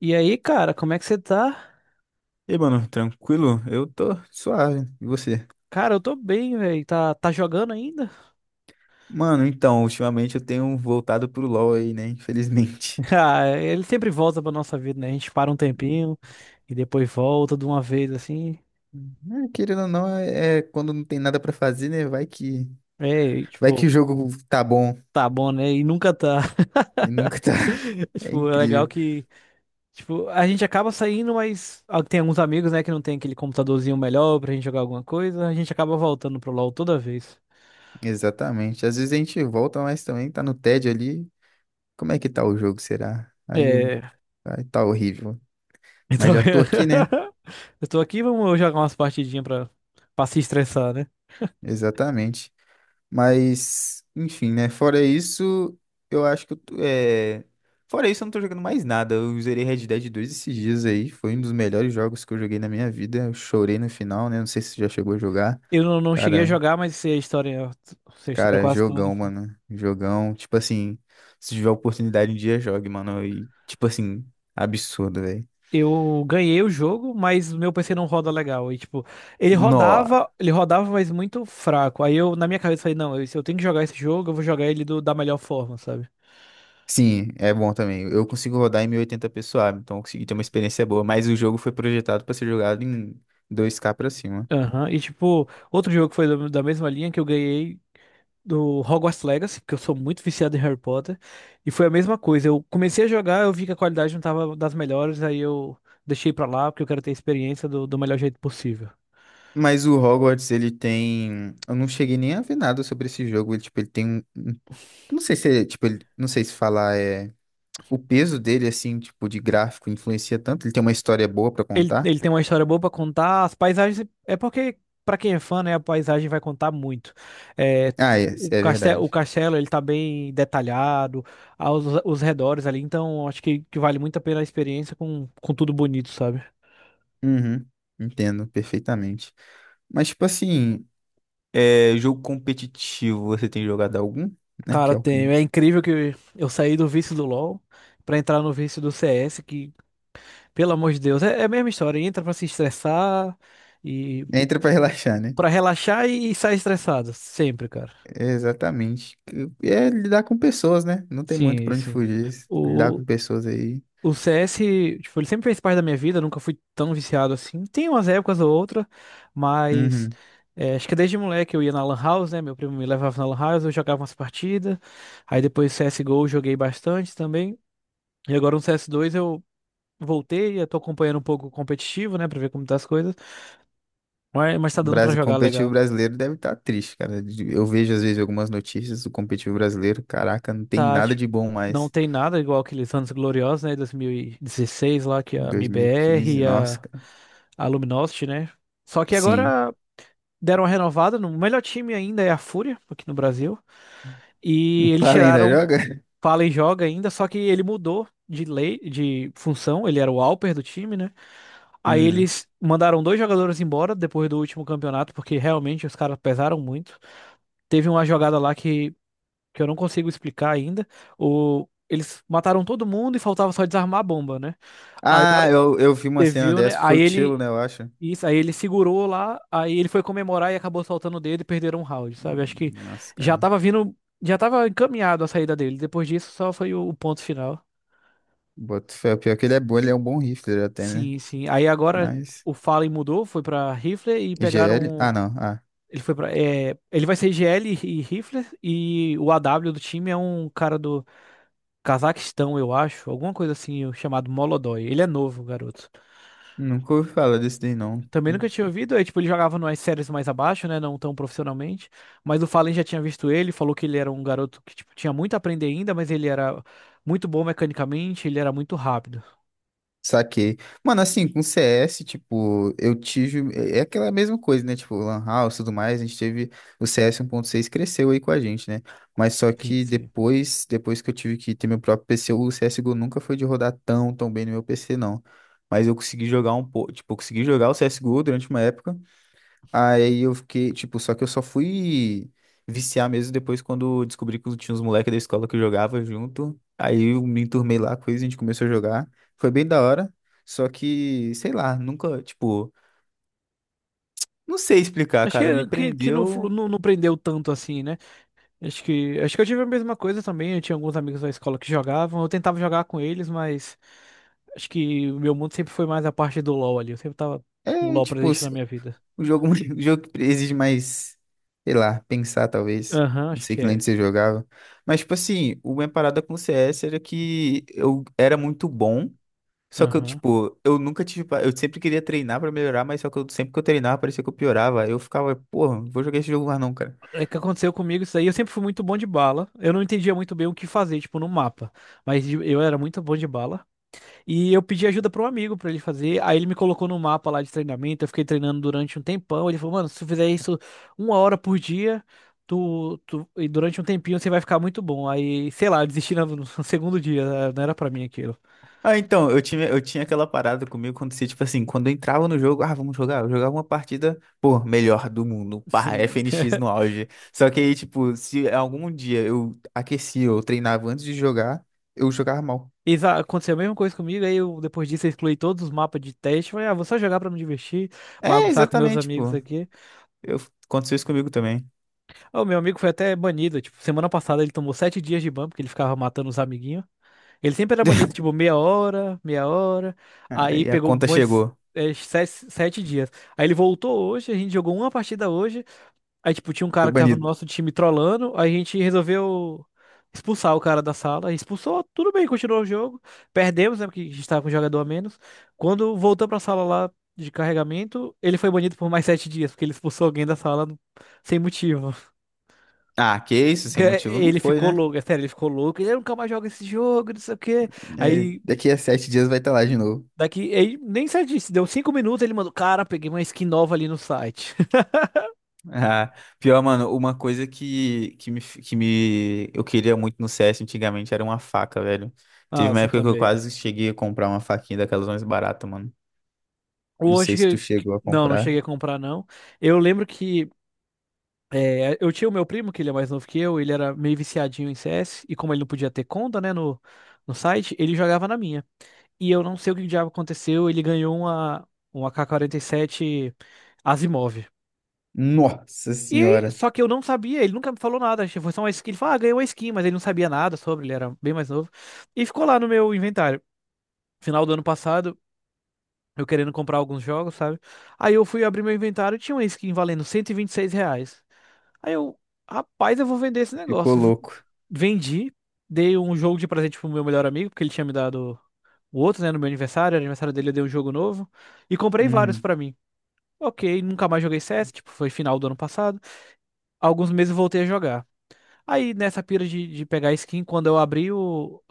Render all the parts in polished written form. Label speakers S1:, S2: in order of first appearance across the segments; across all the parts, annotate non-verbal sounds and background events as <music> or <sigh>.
S1: E aí, cara, como é que você tá?
S2: E aí, mano, tranquilo? Eu tô suave. E você?
S1: Cara, eu tô bem, velho. Tá jogando ainda? <laughs>
S2: Mano, então, ultimamente eu tenho voltado pro LoL aí, né? Infelizmente. <laughs>
S1: Ah, ele sempre volta pra nossa vida, né? A gente para um tempinho e depois volta de uma vez, assim.
S2: É, querendo ou não, é quando não tem nada pra fazer, né? Vai que,
S1: É, e,
S2: vai que
S1: tipo,
S2: o jogo tá bom
S1: tá bom, né? E nunca tá.
S2: e nunca tá. <laughs>
S1: <laughs>
S2: É
S1: Tipo, é legal
S2: incrível.
S1: que, tipo, a gente acaba saindo, mas tem alguns amigos, né, que não tem aquele computadorzinho melhor pra gente jogar alguma coisa. A gente acaba voltando pro LoL toda vez.
S2: Exatamente. Às vezes a gente volta, mas também tá no tédio ali. Como é que tá o jogo, será? Aí, o-
S1: É,
S2: aí tá horrível. Mas
S1: então,
S2: já tô aqui, né?
S1: <laughs> eu tô aqui, vamos jogar umas partidinhas pra se estressar, né?
S2: Exatamente. Mas, enfim, né? Fora isso, eu acho que eu tô. Fora isso, eu não tô jogando mais nada. Eu zerei Red Dead 2 esses dias aí. Foi um dos melhores jogos que eu joguei na minha vida. Eu chorei no final, né? Não sei se você já chegou a jogar.
S1: Eu não, não cheguei a
S2: Cara,
S1: jogar, mas sei a história
S2: cara,
S1: quase toda,
S2: jogão,
S1: assim.
S2: mano. Jogão. Tipo assim, se tiver oportunidade um dia, jogue, mano. E, tipo assim, absurdo, velho.
S1: Eu ganhei o jogo, mas o meu PC não roda legal. E tipo,
S2: Nó.
S1: ele rodava, mas muito fraco. Aí eu, na minha cabeça, falei, não, se eu tenho que jogar esse jogo, eu vou jogar ele da melhor forma, sabe?
S2: Sim, é bom também. Eu consigo rodar em 1080p suave, então eu consegui ter uma experiência boa. Mas o jogo foi projetado pra ser jogado em 2K pra cima.
S1: Aham. E tipo, outro jogo que foi da mesma linha que eu ganhei do Hogwarts Legacy, porque eu sou muito viciado em Harry Potter, e foi a mesma coisa. Eu comecei a jogar, eu vi que a qualidade não tava das melhores, aí eu deixei pra lá, porque eu quero ter a experiência do melhor jeito possível.
S2: Mas o Hogwarts, ele tem. Eu não cheguei nem a ver nada sobre esse jogo. Ele, tipo, ele tem um. Eu não sei se é, tipo, ele... Não sei se falar é. O peso dele, assim, tipo, de gráfico influencia tanto. Ele tem uma história boa pra
S1: Ele,
S2: contar.
S1: ele tem uma história boa pra contar, as paisagens. É porque, pra quem é fã, né, a paisagem vai contar muito. É,
S2: Ah, é,
S1: o
S2: é
S1: castelo, o
S2: verdade.
S1: castelo, ele tá bem detalhado, os redores ali, então acho que vale muito a pena a experiência com tudo bonito, sabe?
S2: Uhum. Entendo perfeitamente. Mas, tipo assim, jogo competitivo, você tem jogado algum, né? Que
S1: Cara,
S2: é o
S1: tenho.
S2: que.
S1: É incrível que eu saí do vício do LoL pra entrar no vício do CS, que, pelo amor de Deus, é a mesma história. Entra pra se estressar e
S2: Entra pra relaxar, né?
S1: pra relaxar e sai estressado. Sempre, cara.
S2: Exatamente. É lidar com pessoas, né? Não tem muito
S1: Sim,
S2: pra onde
S1: sim.
S2: fugir. Lidar
S1: O,
S2: com pessoas aí.
S1: o CS, tipo, ele sempre fez parte da minha vida, nunca fui tão viciado assim. Tem umas épocas ou outra, mas
S2: Uhum.
S1: acho que desde moleque eu ia na Lan House, né? Meu primo me levava na Lan House, eu jogava umas partidas. Aí depois CSGO eu joguei bastante também. E agora no CS2 eu voltei, eu tô acompanhando um pouco o competitivo, né, pra ver como tá as coisas, mas tá
S2: O
S1: dando pra
S2: Brasil,
S1: jogar
S2: competitivo
S1: legal.
S2: brasileiro deve estar triste, cara. De- eu vejo às vezes algumas notícias do competitivo brasileiro. Caraca, não tem
S1: Tá,
S2: nada
S1: tipo,
S2: de bom
S1: não
S2: mais.
S1: tem nada igual aqueles anos gloriosos, né, 2016 lá, que é a MIBR
S2: 2015,
S1: e
S2: nossa,
S1: a,
S2: cara.
S1: a Luminosity, né, só que
S2: Sim. <laughs>
S1: agora deram uma renovada, no o melhor time ainda é a Fúria, aqui no Brasil,
S2: O
S1: e eles
S2: Pala ainda
S1: tiraram
S2: joga? <laughs>
S1: Fala e joga ainda, só que ele mudou de lei, de função, ele era o Alper do time, né? Aí
S2: Hum.
S1: eles mandaram dois jogadores embora depois do último campeonato, porque realmente os caras pesaram muito. Teve uma jogada lá que eu não consigo explicar ainda. Eles mataram todo mundo e faltava só desarmar a bomba, né? Aí na hora
S2: Ah,
S1: que
S2: eu vi uma
S1: você
S2: cena
S1: viu, né?
S2: dessa. Foi
S1: Aí
S2: o Tilo,
S1: ele.
S2: né, eu acho.
S1: Isso, aí ele segurou lá, aí ele foi comemorar e acabou soltando o dedo e perderam um round, sabe? Acho que
S2: Nossa,
S1: já
S2: cara.
S1: tava vindo, já tava encaminhado a saída dele. Depois disso, só foi o ponto final.
S2: Boto fé. Pior é que ele é bom, ele é um bom rifler até, né?
S1: Sim, sim. Aí agora
S2: Mas.
S1: o Fallen mudou, foi pra Rifler e
S2: IGL? Ah,
S1: pegaram.
S2: não. Ah.
S1: Ele foi para ele vai ser GL e Rifler e o AW do time é um cara do Cazaquistão, eu acho, alguma coisa assim, chamado Molodói. Ele é novo, garoto.
S2: Nunca ouvi falar desse daí, não.
S1: Também nunca tinha ouvido, aí, tipo, ele jogava nas séries mais abaixo, né, não tão profissionalmente, mas o Fallen já tinha visto ele, falou que ele era um garoto que, tipo, tinha muito a aprender ainda, mas ele era muito bom mecanicamente, ele era muito rápido.
S2: Saquei. Mano, assim, com CS, tipo, eu tive. É aquela mesma coisa, né? Tipo, Lan House e tudo mais, a gente teve. O CS 1.6 cresceu aí com a gente, né? Mas só
S1: Sim,
S2: que
S1: sim.
S2: depois que eu tive que ter meu próprio PC, o CSGO nunca foi de rodar tão, tão bem no meu PC, não. Mas eu consegui jogar um pouco. Tipo, eu consegui jogar o CSGO durante uma época. Aí eu fiquei, tipo, só que eu só fui viciar mesmo depois quando descobri que tinha uns moleques da escola que eu jogava junto. Aí eu me enturmei lá, coisa, a gente começou a jogar. Foi bem da hora, só que, sei lá, nunca, tipo, não sei explicar,
S1: Acho
S2: cara, me
S1: que não, flu-
S2: prendeu.
S1: não, não prendeu tanto assim, né? Acho que eu tive a mesma coisa também. Eu tinha alguns amigos da escola que jogavam. Eu tentava jogar com eles, mas acho que o meu mundo sempre foi mais a parte do LoL ali. Eu sempre tava um
S2: É,
S1: LoL
S2: tipo,
S1: presente na minha vida.
S2: o jogo, <laughs> o jogo exige mais, sei lá, pensar talvez.
S1: Aham,
S2: Não
S1: acho
S2: sei
S1: que
S2: que lane
S1: é.
S2: você jogava. Mas, tipo assim, o minha parada com o CS era que eu era muito bom. Só que eu,
S1: Aham.
S2: tipo, eu nunca tive. Eu sempre queria treinar pra melhorar, mas só que eu, sempre que eu treinava, parecia que eu piorava. Eu ficava, porra, não vou jogar esse jogo mais não, cara.
S1: É que aconteceu comigo isso aí. Eu sempre fui muito bom de bala. Eu não entendia muito bem o que fazer, tipo, no mapa. Mas eu era muito bom de bala. E eu pedi ajuda para um amigo para ele fazer. Aí ele me colocou no mapa lá de treinamento. Eu fiquei treinando durante um tempão. Ele falou, mano, se tu fizer isso 1 hora por dia, e durante um tempinho você vai ficar muito bom. Aí, sei lá, eu desisti no <laughs> segundo dia, né? Não era para mim aquilo.
S2: Ah, então, eu tinha aquela parada comigo quando se, tipo assim, quando eu entrava no jogo, ah, vamos jogar. Eu jogava uma partida, pô, melhor do mundo, pá, <laughs>
S1: Sim.
S2: FNX no
S1: <laughs>
S2: auge. Só que aí, tipo, se algum dia eu aquecia ou treinava antes de jogar, eu jogava mal.
S1: Aconteceu a mesma coisa comigo. Aí eu, depois disso, eu excluí todos os mapas de teste. Falei, vou só jogar para me divertir,
S2: É,
S1: bagunçar com meus
S2: exatamente,
S1: amigos
S2: pô.
S1: aqui.
S2: Eu, Aconteceu isso comigo também.
S1: Ah, o meu amigo foi até banido. Tipo, semana passada ele tomou 7 dias de ban, porque ele ficava matando os amiguinhos. Ele sempre era banido, tipo, meia hora, meia hora.
S2: <laughs>
S1: Aí
S2: Aí a
S1: pegou
S2: conta
S1: mais,
S2: chegou.
S1: sete dias. Aí ele voltou hoje, a gente jogou uma partida hoje. Aí, tipo, tinha um
S2: Foi
S1: cara que tava no
S2: banido.
S1: nosso time trollando. Aí a gente resolveu expulsar o cara da sala. Expulsou, tudo bem, continuou o jogo. Perdemos, né? Porque a gente tava com um jogador a menos. Quando voltou pra sala lá de carregamento, ele foi banido por mais 7 dias, porque ele expulsou alguém da sala sem motivo. <laughs>
S2: Ah, que isso, sem
S1: É,
S2: motivo não
S1: ele
S2: foi,
S1: ficou
S2: né?
S1: louco, é sério, ele ficou louco. Ele, "Eu nunca mais joga esse jogo, não sei o quê."
S2: É,
S1: Aí
S2: daqui a 7 dias vai estar lá de novo.
S1: daqui, ele nem sei disso, deu 5 minutos, ele mandou, cara, peguei uma skin nova ali no site. <laughs>
S2: Ah, pior, mano, uma coisa que, que me eu queria muito no CS antigamente era uma faca, velho. Teve uma
S1: Massa
S2: época que eu
S1: também.
S2: quase cheguei a comprar uma faquinha daquelas mais baratas, mano. Não sei
S1: Hoje
S2: se tu chegou a
S1: não, não
S2: comprar.
S1: cheguei a comprar não. Eu lembro que eu tinha o meu primo, que ele é mais novo que eu, ele era meio viciadinho em CS, e como ele não podia ter conta, né, no site, ele jogava na minha. E eu não sei o que diabo aconteceu, ele ganhou uma AK-47 Asimov.
S2: Nossa
S1: E
S2: senhora,
S1: só que eu não sabia, ele nunca me falou nada. Foi só uma skin, ele falou, ganhou uma skin, mas ele não sabia nada sobre, ele era bem mais novo. E ficou lá no meu inventário, final do ano passado, eu querendo comprar alguns jogos, sabe? Aí eu fui abrir meu inventário e tinha uma skin valendo cento e vinte e seis reais. Aí eu, rapaz, eu vou vender esse
S2: ficou
S1: negócio.
S2: louco.
S1: Vendi, dei um jogo de presente pro meu melhor amigo, porque ele tinha me dado o outro, né, no meu aniversário, era aniversário dele, eu dei um jogo novo e comprei vários
S2: Uhum.
S1: pra mim. Ok, nunca mais joguei CS, tipo, foi final do ano passado. Alguns meses eu voltei a jogar. Aí nessa pira de pegar skin, quando eu abri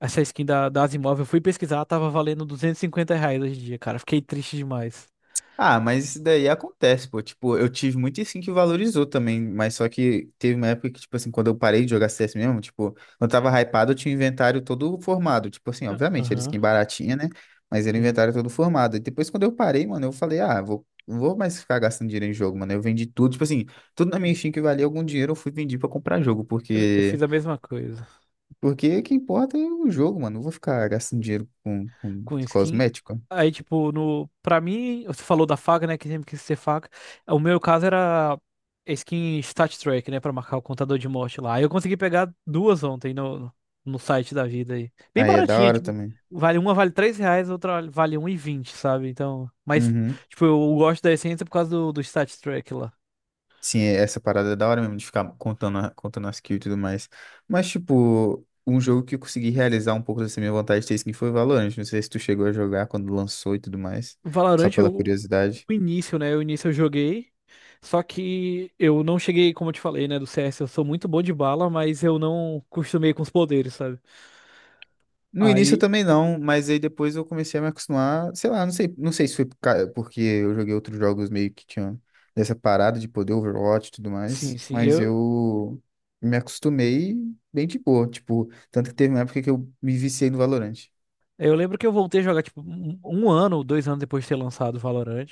S1: essa skin das imóveis, eu fui pesquisar, tava valendo R$ 250 hoje em dia, cara. Fiquei triste demais.
S2: Ah, mas isso daí acontece, pô. Tipo, eu tive muito sim que valorizou também, mas só que teve uma época que, tipo assim, quando eu parei de jogar CS mesmo, tipo, quando eu tava hypado, eu tinha o inventário todo formado. Tipo assim, obviamente, era
S1: Aham.
S2: skin baratinha, né? Mas era o
S1: Sim.
S2: inventário todo formado. E depois, quando eu parei, mano, eu falei, ah, vou, não vou mais ficar gastando dinheiro em jogo, mano. Eu vendi tudo, tipo assim, tudo na minha skin que valia algum dinheiro, eu fui vender pra comprar jogo,
S1: Eu fiz
S2: porque,
S1: a mesma coisa
S2: porque o que importa é o jogo, mano. Não vou ficar gastando dinheiro com
S1: com skin
S2: cosmético.
S1: Aí, tipo, no, pra mim, você falou da faca, né? Que sempre quis ser faca. O meu caso era skin Stat Track, né? Pra marcar o contador de morte lá. Aí eu consegui pegar duas ontem no site da vida aí. Bem
S2: Aí é da
S1: baratinha,
S2: hora
S1: tipo,
S2: também.
S1: vale R$ 3, outra vale 1,20, sabe? Então, mas,
S2: Uhum.
S1: tipo, eu gosto da essência por causa do Stat Track lá.
S2: Sim, é- essa parada é da hora mesmo de ficar contando as kills e tudo mais. Mas, tipo, um jogo que eu consegui realizar um pouco dessa minha vontade de ter skin foi Valorant. Não sei se tu chegou a jogar quando lançou e tudo mais, só
S1: Valorant,
S2: pela
S1: eu,
S2: curiosidade.
S1: O início, né? O início eu joguei. Só que eu não cheguei, como eu te falei, né, do CS. Eu sou muito bom de bala, mas eu não costumei com os poderes, sabe?
S2: No início eu
S1: Aí,
S2: também não, mas aí depois eu comecei a me acostumar, sei lá, não sei, não sei se foi porque eu joguei outros jogos meio que tinham dessa parada de poder Overwatch e tudo
S1: sim,
S2: mais,
S1: sim.
S2: mas
S1: Eu,
S2: eu me acostumei bem de boa, tipo, tanto que teve uma época que eu me viciei no Valorant.
S1: eu lembro que eu voltei a jogar, tipo, um ano, 2 anos depois de ter lançado o Valorant.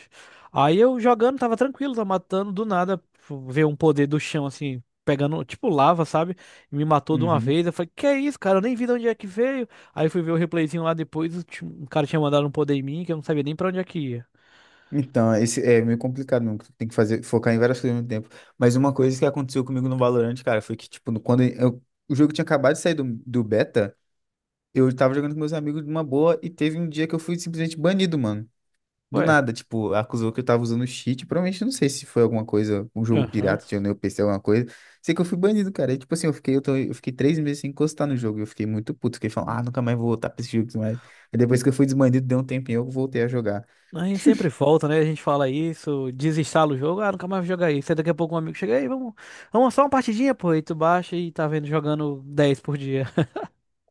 S1: Aí eu jogando, tava tranquilo, tava matando, do nada, tipo, veio um poder do chão, assim, pegando, tipo, lava, sabe? E me matou de uma
S2: Uhum.
S1: vez. Eu falei, que é isso, cara? Eu nem vi de onde é que veio. Aí fui ver o replayzinho lá depois, o cara tinha mandado um poder em mim que eu não sabia nem pra onde é que ia.
S2: Então, esse é meio complicado mesmo, porque tem que fazer, focar em várias coisas ao mesmo tempo. Mas uma coisa que aconteceu comigo no Valorant, cara, foi que, tipo, o jogo tinha acabado de sair do beta, eu tava jogando com meus amigos de uma boa e teve um dia que eu fui simplesmente banido, mano. Do
S1: Ué.
S2: nada, tipo, acusou que eu tava usando cheat. Provavelmente, não sei se foi alguma coisa, um jogo
S1: Aham.
S2: pirata, tinha no meu PC, alguma coisa. Sei que eu fui banido, cara. E, tipo assim, eu fiquei 3 meses sem encostar no jogo. Eu fiquei muito puto, fiquei falando, ah, nunca mais vou voltar pra esse jogo e tudo mais. E depois que eu fui desbanido, deu um tempinho, eu voltei a jogar.
S1: A gente sempre volta, né? A gente fala isso, desinstala o jogo, nunca mais vou jogar isso. Aí daqui a pouco um amigo chega aí, vamos só uma partidinha, pô. E tu baixa e tá vendo jogando 10 por dia. <laughs>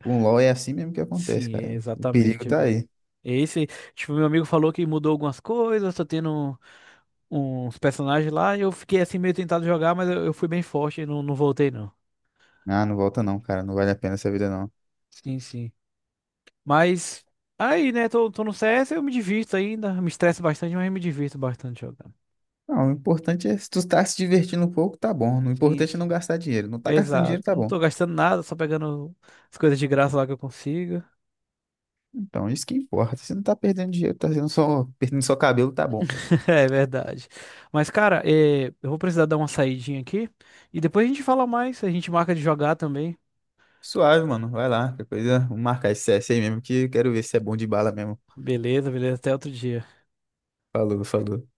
S2: Com o LoL é assim mesmo que acontece,
S1: Sim, é
S2: cara. O perigo
S1: exatamente,
S2: tá
S1: velho.
S2: aí.
S1: Esse, tipo, meu amigo falou que mudou algumas coisas, tá tendo uns personagens lá, e eu fiquei assim meio tentado jogar, mas eu fui bem forte e não, não voltei, não.
S2: Ah, não volta não, cara. Não vale a pena essa vida, não.
S1: Sim, sim. Mas aí, né, tô no CS, eu me divirto ainda, me estresso bastante, mas eu me divirto bastante jogando.
S2: Não, o importante é se tu tá se divertindo um pouco, tá bom. O
S1: Sim,
S2: importante é não
S1: sim.
S2: gastar dinheiro. Não tá gastando
S1: Exato.
S2: dinheiro, tá
S1: Não
S2: bom.
S1: tô gastando nada, só pegando as coisas de graça lá que eu consigo.
S2: Então, isso que importa. Se não tá perdendo dinheiro, tá sendo só perdendo só cabelo, tá bom.
S1: <laughs> É verdade. Mas, cara, eu vou precisar dar uma saidinha aqui e depois a gente fala mais. A gente marca de jogar também.
S2: Suave, mano. Vai lá. Qualquer coisa, vamos marcar esse CS aí mesmo, que eu quero ver se é bom de bala mesmo.
S1: Beleza, beleza. Até outro dia.
S2: Falou, falou.